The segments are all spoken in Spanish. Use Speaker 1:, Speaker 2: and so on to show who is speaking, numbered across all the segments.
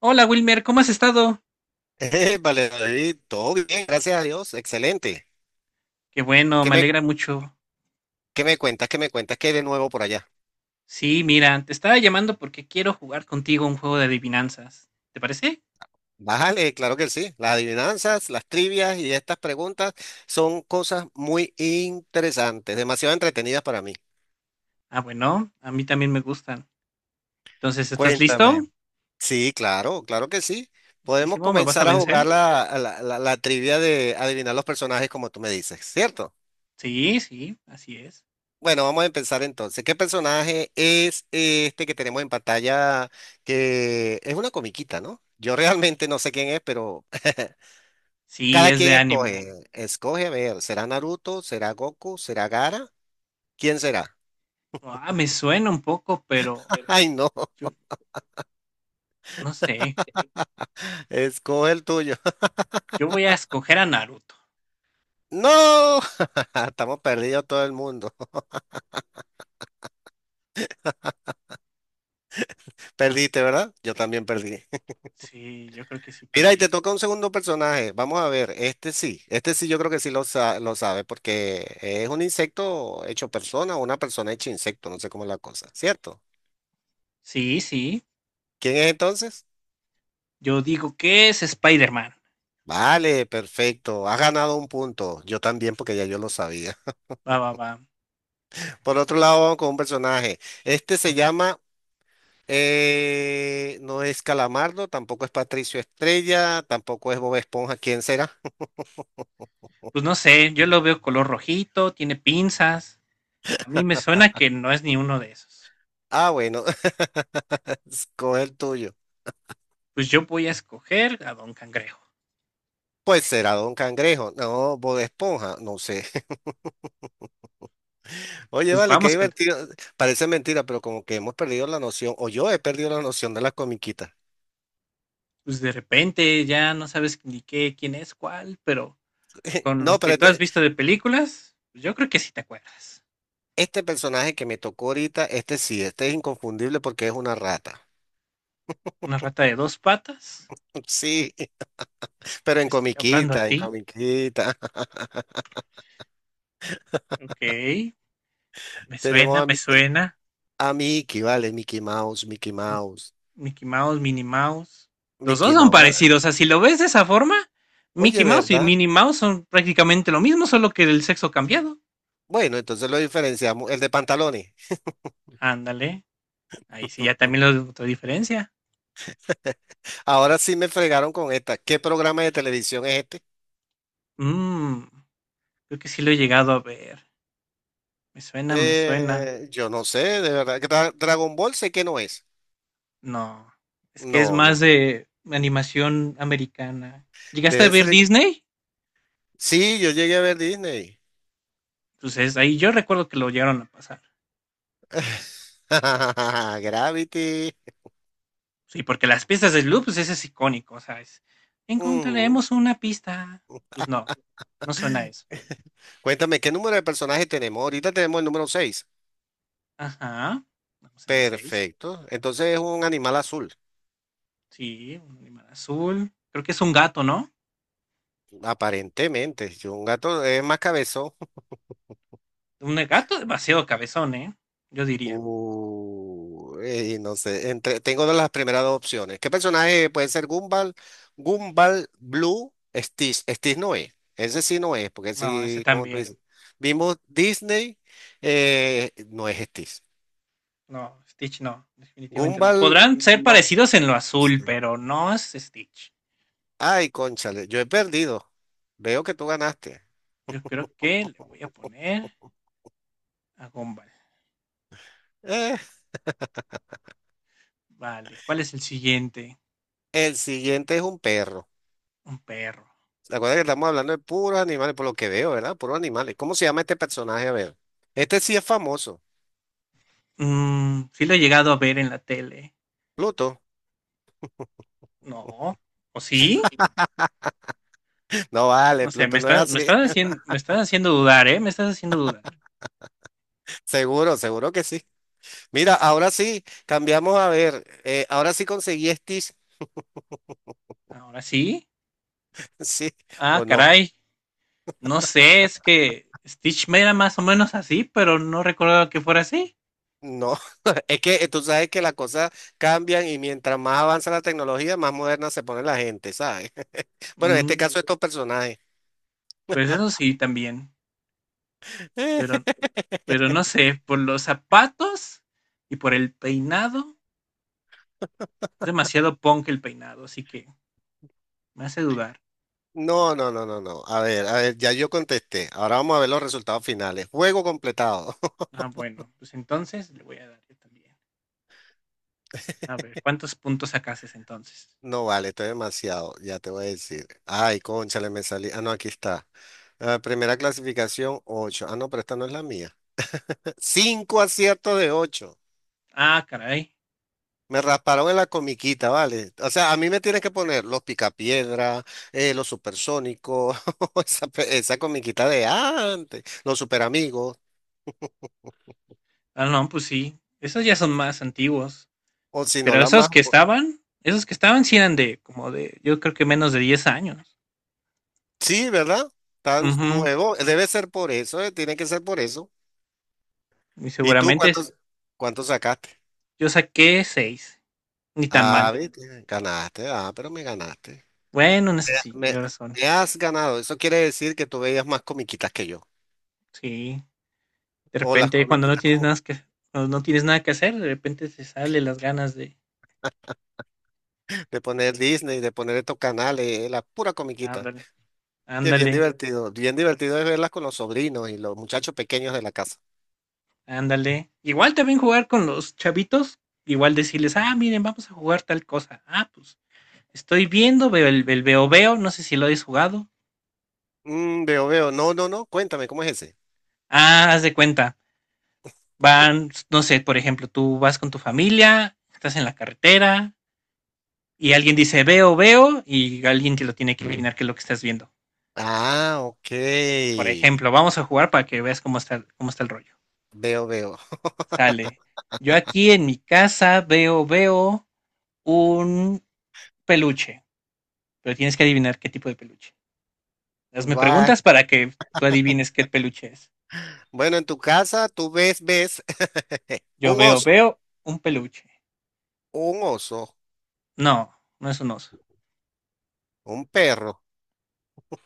Speaker 1: Hola Wilmer, ¿cómo has estado?
Speaker 2: Vale, David, todo bien, gracias a Dios, excelente.
Speaker 1: Qué bueno,
Speaker 2: ¿Qué
Speaker 1: me
Speaker 2: me,
Speaker 1: alegra mucho.
Speaker 2: ¿Qué me cuentas? ¿Qué hay de nuevo por allá?
Speaker 1: Sí, mira, te estaba llamando porque quiero jugar contigo un juego de adivinanzas. ¿Te parece?
Speaker 2: Bájale, claro que sí. Las adivinanzas, las trivias y estas preguntas son cosas muy interesantes, demasiado entretenidas para mí.
Speaker 1: Ah, bueno, a mí también me gustan. Entonces, ¿estás listo?
Speaker 2: Cuéntame. Sí, claro, claro que sí. Podemos
Speaker 1: ¿Listísimo? ¿Me vas a
Speaker 2: comenzar a
Speaker 1: vencer?
Speaker 2: jugar la trivia de adivinar los personajes como tú me dices, ¿cierto?
Speaker 1: Sí, sí, así es.
Speaker 2: Bueno, vamos a empezar entonces. ¿Qué personaje es este que tenemos en pantalla que es una comiquita, ¿no? Yo realmente no sé quién es, pero
Speaker 1: Sí,
Speaker 2: cada
Speaker 1: es de
Speaker 2: quien
Speaker 1: anime.
Speaker 2: escoge. Escoge, a ver, ¿será Naruto? ¿Será Goku? ¿Será Gara? ¿Quién será?
Speaker 1: Ah, me suena un poco, pero
Speaker 2: Ay, no,
Speaker 1: yo no sé.
Speaker 2: escoge el tuyo.
Speaker 1: Yo voy a escoger a Naruto.
Speaker 2: No, estamos perdidos todo el mundo. Perdiste, ¿verdad? Yo también perdí.
Speaker 1: Sí, yo creo que sí
Speaker 2: Mira, y te
Speaker 1: perdí.
Speaker 2: toca un segundo personaje. Vamos a ver, este sí yo creo que sí lo sabe, porque es un insecto hecho persona o una persona hecha insecto, no sé cómo es la cosa, ¿cierto?
Speaker 1: Sí, sí.
Speaker 2: ¿Quién es entonces?
Speaker 1: Yo digo que es Spider-Man.
Speaker 2: Vale, perfecto, has ganado un punto, yo también porque ya yo lo sabía.
Speaker 1: Va, va, va.
Speaker 2: Por otro lado, vamos con un personaje. Este se
Speaker 1: Otro.
Speaker 2: llama, eh, no es Calamardo, tampoco es Patricio Estrella, tampoco es Bob Esponja, ¿quién será?
Speaker 1: Pues no sé, yo lo veo color rojito, tiene pinzas. A mí me suena que no es ni uno de esos.
Speaker 2: Ah, bueno, con el tuyo.
Speaker 1: Pues yo voy a escoger a Don Cangrejo.
Speaker 2: Pues será Don Cangrejo, no, Bob Esponja, no sé. Oye,
Speaker 1: Pues
Speaker 2: vale, qué
Speaker 1: vamos con,
Speaker 2: divertido. Parece mentira, pero como que hemos perdido la noción, o yo he perdido la noción de las comiquitas.
Speaker 1: pues de repente ya no sabes ni qué, quién es cuál, pero con
Speaker 2: No,
Speaker 1: lo
Speaker 2: pero
Speaker 1: que tú has
Speaker 2: este,
Speaker 1: visto de películas, pues yo creo que sí te acuerdas.
Speaker 2: este personaje que me tocó ahorita, este sí, este es inconfundible porque es una rata.
Speaker 1: Una rata de dos patas,
Speaker 2: Sí, pero
Speaker 1: te
Speaker 2: en
Speaker 1: estoy hablando a
Speaker 2: comiquita, en
Speaker 1: ti.
Speaker 2: comiquita.
Speaker 1: Ok, me
Speaker 2: Tenemos
Speaker 1: suena, me suena.
Speaker 2: A Mickey, vale, Mickey Mouse, Mickey Mouse,
Speaker 1: Mickey Mouse, Minnie Mouse. Los dos
Speaker 2: Mickey
Speaker 1: son
Speaker 2: Mouse. ¿Verdad?
Speaker 1: parecidos. O sea, si lo ves de esa forma,
Speaker 2: Oye,
Speaker 1: Mickey Mouse y
Speaker 2: ¿verdad?
Speaker 1: Minnie Mouse son prácticamente lo mismo, solo que el sexo cambiado.
Speaker 2: Bueno, entonces lo diferenciamos, el de pantalones.
Speaker 1: Ándale. Ahí sí, ya también lo otra diferencia.
Speaker 2: Ahora sí me fregaron con esta. ¿Qué programa de televisión es este?
Speaker 1: Mmm, creo que sí lo he llegado a ver. Me suena, me suena.
Speaker 2: Yo no sé, de verdad. Dragon Ball sé que no es.
Speaker 1: No. Es que es
Speaker 2: No,
Speaker 1: más
Speaker 2: no.
Speaker 1: de animación americana. ¿Llegaste a
Speaker 2: Debe
Speaker 1: ver
Speaker 2: ser.
Speaker 1: Disney?
Speaker 2: Sí, yo llegué a ver Disney.
Speaker 1: Entonces ahí yo recuerdo que lo llegaron a pasar.
Speaker 2: Gravity.
Speaker 1: Sí, porque las pistas de Sloop, pues ese es icónico, o sea, es,
Speaker 2: Ujú.
Speaker 1: encontraremos una pista. Pues no, no suena a eso.
Speaker 2: Cuéntame, ¿qué número de personajes tenemos? Ahorita tenemos el número seis.
Speaker 1: Ajá, vamos en el 6.
Speaker 2: Perfecto. Entonces es un animal azul,
Speaker 1: Sí, un animal azul. Creo que es un gato, ¿no?
Speaker 2: aparentemente. Yo, un gato es más cabezón.
Speaker 1: Un gato demasiado cabezón, ¿eh? Yo diría.
Speaker 2: No sé, entre, tengo de las primeras dos opciones. ¿Qué personaje puede ser Gumball? Gumball, Blue, Stitch. Stitch no es. Ese sí no es, porque
Speaker 1: No, ese
Speaker 2: sí, como tú
Speaker 1: también.
Speaker 2: dices. Vimos Disney, no es Stitch.
Speaker 1: No, Stitch no, definitivamente no.
Speaker 2: Gumball,
Speaker 1: Podrán ser
Speaker 2: no
Speaker 1: parecidos en lo azul,
Speaker 2: sé.
Speaker 1: pero no es Stitch.
Speaker 2: Ay, cónchale, yo he perdido. Veo que tú ganaste.
Speaker 1: Yo creo que le voy a poner a Gumball.
Speaker 2: Eh,
Speaker 1: Vale, ¿cuál es el siguiente?
Speaker 2: el siguiente es un perro.
Speaker 1: Un perro.
Speaker 2: Recuerda que estamos hablando de puros animales, por lo que veo, ¿verdad? Puros animales. ¿Cómo se llama este personaje? A ver. Este sí es famoso.
Speaker 1: Sí lo he llegado a ver en la tele.
Speaker 2: Pluto.
Speaker 1: No, ¿o sí?
Speaker 2: No vale,
Speaker 1: No sé,
Speaker 2: Pluto no es así.
Speaker 1: me estás haciendo dudar, ¿eh? Me estás haciendo dudar.
Speaker 2: Seguro, seguro que sí. Mira, ahora sí, cambiamos a ver. Ahora sí conseguí Stitch,
Speaker 1: Ahora sí.
Speaker 2: sí
Speaker 1: Ah,
Speaker 2: o no.
Speaker 1: caray. No sé, es que Stitch me era más o menos así, pero no recordaba que fuera así.
Speaker 2: No, es que tú sabes que las cosas cambian y mientras más avanza la tecnología, más moderna se pone la gente, ¿sabes? Bueno, en este
Speaker 1: Mm,
Speaker 2: caso estos personajes.
Speaker 1: pues eso sí, también. Pero, pero no sé, por los zapatos y por el peinado, es demasiado punk el peinado, así que me hace dudar.
Speaker 2: No, no, no, no, no. A ver, ya yo contesté. Ahora vamos a ver los resultados finales. Juego completado.
Speaker 1: Ah, bueno, pues entonces le voy a dar yo también. A ver, ¿cuántos puntos sacaste entonces?
Speaker 2: No vale, estoy demasiado, ya te voy a decir. Ay, cónchale, me salí. Ah, no, aquí está. Ah, primera clasificación, ocho. Ah, no, pero esta no es la mía. Cinco aciertos de ocho.
Speaker 1: Ah, caray.
Speaker 2: Me rasparon en la comiquita, ¿vale? O sea, a mí me tienes que poner los picapiedra, los supersónicos, esa comiquita de antes, los superamigos,
Speaker 1: Ah, no, pues sí. Esos ya son más antiguos.
Speaker 2: o si no,
Speaker 1: Pero
Speaker 2: la más...
Speaker 1: esos que estaban sí eran de como de, yo creo que menos de 10 años.
Speaker 2: Sí, ¿verdad? Tan
Speaker 1: Ujú.
Speaker 2: nuevo, debe ser por eso, tiene que ser por eso.
Speaker 1: Y
Speaker 2: ¿Y tú
Speaker 1: seguramente es-
Speaker 2: cuántos, ¿cuántos sacaste?
Speaker 1: yo saqué seis. Ni tan
Speaker 2: Ah,
Speaker 1: mal.
Speaker 2: viste, ganaste, ah, pero me ganaste.
Speaker 1: Bueno, en eso
Speaker 2: Me,
Speaker 1: sí,
Speaker 2: me
Speaker 1: tienes razón.
Speaker 2: me has ganado, eso quiere decir que tú veías más comiquitas que yo.
Speaker 1: Sí. De
Speaker 2: O las
Speaker 1: repente,
Speaker 2: comiquitas como
Speaker 1: cuando no tienes nada que, hacer, de repente te salen las ganas de,
Speaker 2: de poner Disney, de poner estos canales, la pura comiquita.
Speaker 1: ándale,
Speaker 2: Que
Speaker 1: ándale,
Speaker 2: bien divertido es verlas con los sobrinos y los muchachos pequeños de la casa.
Speaker 1: ándale. Igual también jugar con los chavitos, igual decirles, ah, miren, vamos a jugar tal cosa. Ah, pues estoy viendo, veo el veo veo, no sé si lo habéis jugado.
Speaker 2: Mm, veo, veo. No, no, no. Cuéntame, ¿cómo es ese?
Speaker 1: Ah, haz de cuenta. Van, no sé, por ejemplo, tú vas con tu familia, estás en la carretera y alguien dice veo veo y alguien te lo tiene que adivinar qué es lo que estás viendo.
Speaker 2: Ah, ok.
Speaker 1: Por ejemplo, vamos a jugar para que veas cómo está el rollo.
Speaker 2: Veo, veo.
Speaker 1: Sale. Yo aquí en mi casa veo, veo un peluche, pero tienes que adivinar qué tipo de peluche. Hazme
Speaker 2: Va.
Speaker 1: preguntas para que tú adivines qué peluche es.
Speaker 2: Bueno, en tu casa tú ves, ves
Speaker 1: Yo
Speaker 2: un
Speaker 1: veo,
Speaker 2: oso,
Speaker 1: veo un peluche.
Speaker 2: un oso,
Speaker 1: No, no es un oso.
Speaker 2: un perro.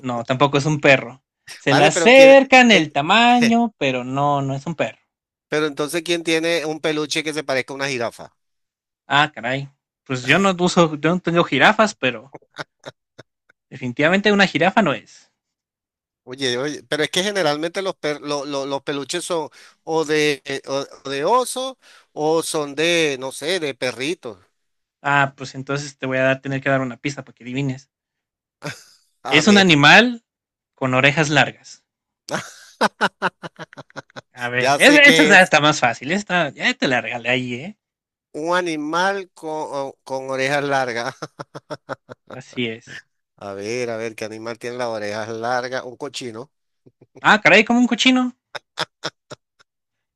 Speaker 1: No, tampoco es un perro. Se le
Speaker 2: Vale, pero quién,
Speaker 1: acerca en
Speaker 2: eh,
Speaker 1: el tamaño, pero no, no es un perro.
Speaker 2: pero entonces, ¿quién tiene un peluche que se parezca a una jirafa?
Speaker 1: Ah, caray. Pues yo no uso, yo no tengo jirafas, pero definitivamente una jirafa no es.
Speaker 2: Oye, oye, pero es que generalmente los, per- lo- los peluches son o de oso o son de, no sé, de perritos.
Speaker 1: Ah, pues entonces te voy a dar, tener que dar una pista para que adivines.
Speaker 2: A
Speaker 1: Es un
Speaker 2: ver,
Speaker 1: animal con orejas largas. A ver,
Speaker 2: ya sé
Speaker 1: esta
Speaker 2: que
Speaker 1: está,
Speaker 2: es
Speaker 1: está más fácil. Esta ya te la regalé ahí, ¿eh?
Speaker 2: un animal con orejas largas.
Speaker 1: Así es.
Speaker 2: A ver, ¿qué animal tiene las orejas largas? Un cochino.
Speaker 1: Ah, caray, como un cochino.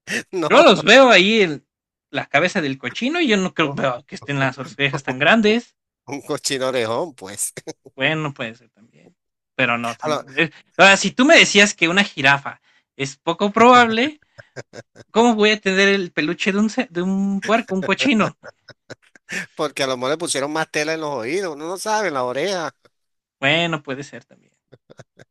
Speaker 1: Yo
Speaker 2: No,
Speaker 1: los veo ahí, la cabeza del cochino, y yo no creo veo que estén las orejas tan grandes.
Speaker 2: un cochino orejón, pues.
Speaker 1: Bueno, puede ser también. Pero no,
Speaker 2: A lo-
Speaker 1: ahora, si tú me decías que una jirafa es poco probable, ¿cómo voy a tener el peluche de un, de un puerco, un cochino?
Speaker 2: Porque a lo mejor le pusieron más tela en los oídos, uno no sabe, en la oreja.
Speaker 1: Bueno, puede ser también.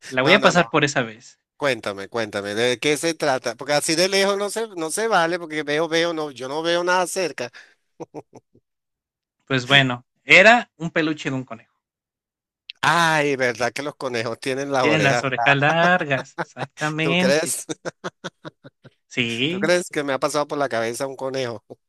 Speaker 1: La voy
Speaker 2: No,
Speaker 1: a
Speaker 2: no,
Speaker 1: pasar
Speaker 2: no.
Speaker 1: por esa vez.
Speaker 2: Cuéntame, cuéntame, ¿de qué se trata? Porque así de lejos no se vale, porque veo, veo, no, yo no veo nada cerca.
Speaker 1: Pues bueno, era un peluche de un conejo.
Speaker 2: Ay, ¿verdad que los conejos tienen las
Speaker 1: Tienen las
Speaker 2: orejas?
Speaker 1: orejas largas,
Speaker 2: ¿Tú
Speaker 1: exactamente.
Speaker 2: crees? ¿Tú
Speaker 1: Sí.
Speaker 2: crees que me ha pasado por la cabeza un conejo?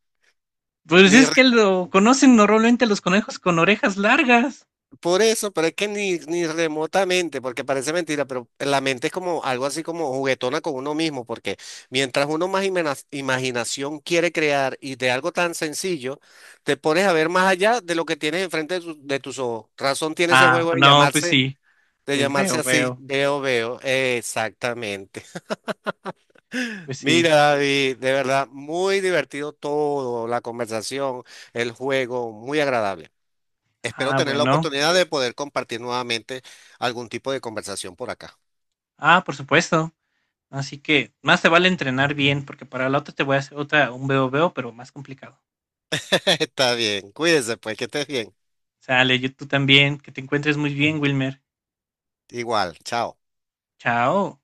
Speaker 1: Pues
Speaker 2: Ni
Speaker 1: es que
Speaker 2: re-
Speaker 1: lo conocen normalmente los conejos con orejas largas.
Speaker 2: Por eso, pero es que ni, ni remotamente, porque parece mentira, pero la mente es como algo así como juguetona con uno mismo, porque mientras uno más imaginación quiere crear y de algo tan sencillo, te pones a ver más allá de lo que tienes enfrente de, de tus ojos. Razón tiene ese
Speaker 1: Ah,
Speaker 2: juego de
Speaker 1: no, pues
Speaker 2: llamarse
Speaker 1: sí.
Speaker 2: De
Speaker 1: El
Speaker 2: llamarse
Speaker 1: veo,
Speaker 2: así, sí.
Speaker 1: veo.
Speaker 2: Veo Veo, exactamente.
Speaker 1: Pues sí.
Speaker 2: Mira, David, de verdad, muy divertido todo, la conversación, el juego, muy agradable. Espero
Speaker 1: Ah,
Speaker 2: tener la
Speaker 1: bueno.
Speaker 2: oportunidad de poder compartir nuevamente algún tipo de conversación por acá.
Speaker 1: Ah, por supuesto. Así que más te vale entrenar bien, porque para la otra te voy a hacer otra, un veo veo, pero más complicado.
Speaker 2: Está bien, cuídese pues, que estés bien.
Speaker 1: Sale, yo tú también, que te encuentres muy bien, Wilmer.
Speaker 2: Igual, chao.
Speaker 1: Chao.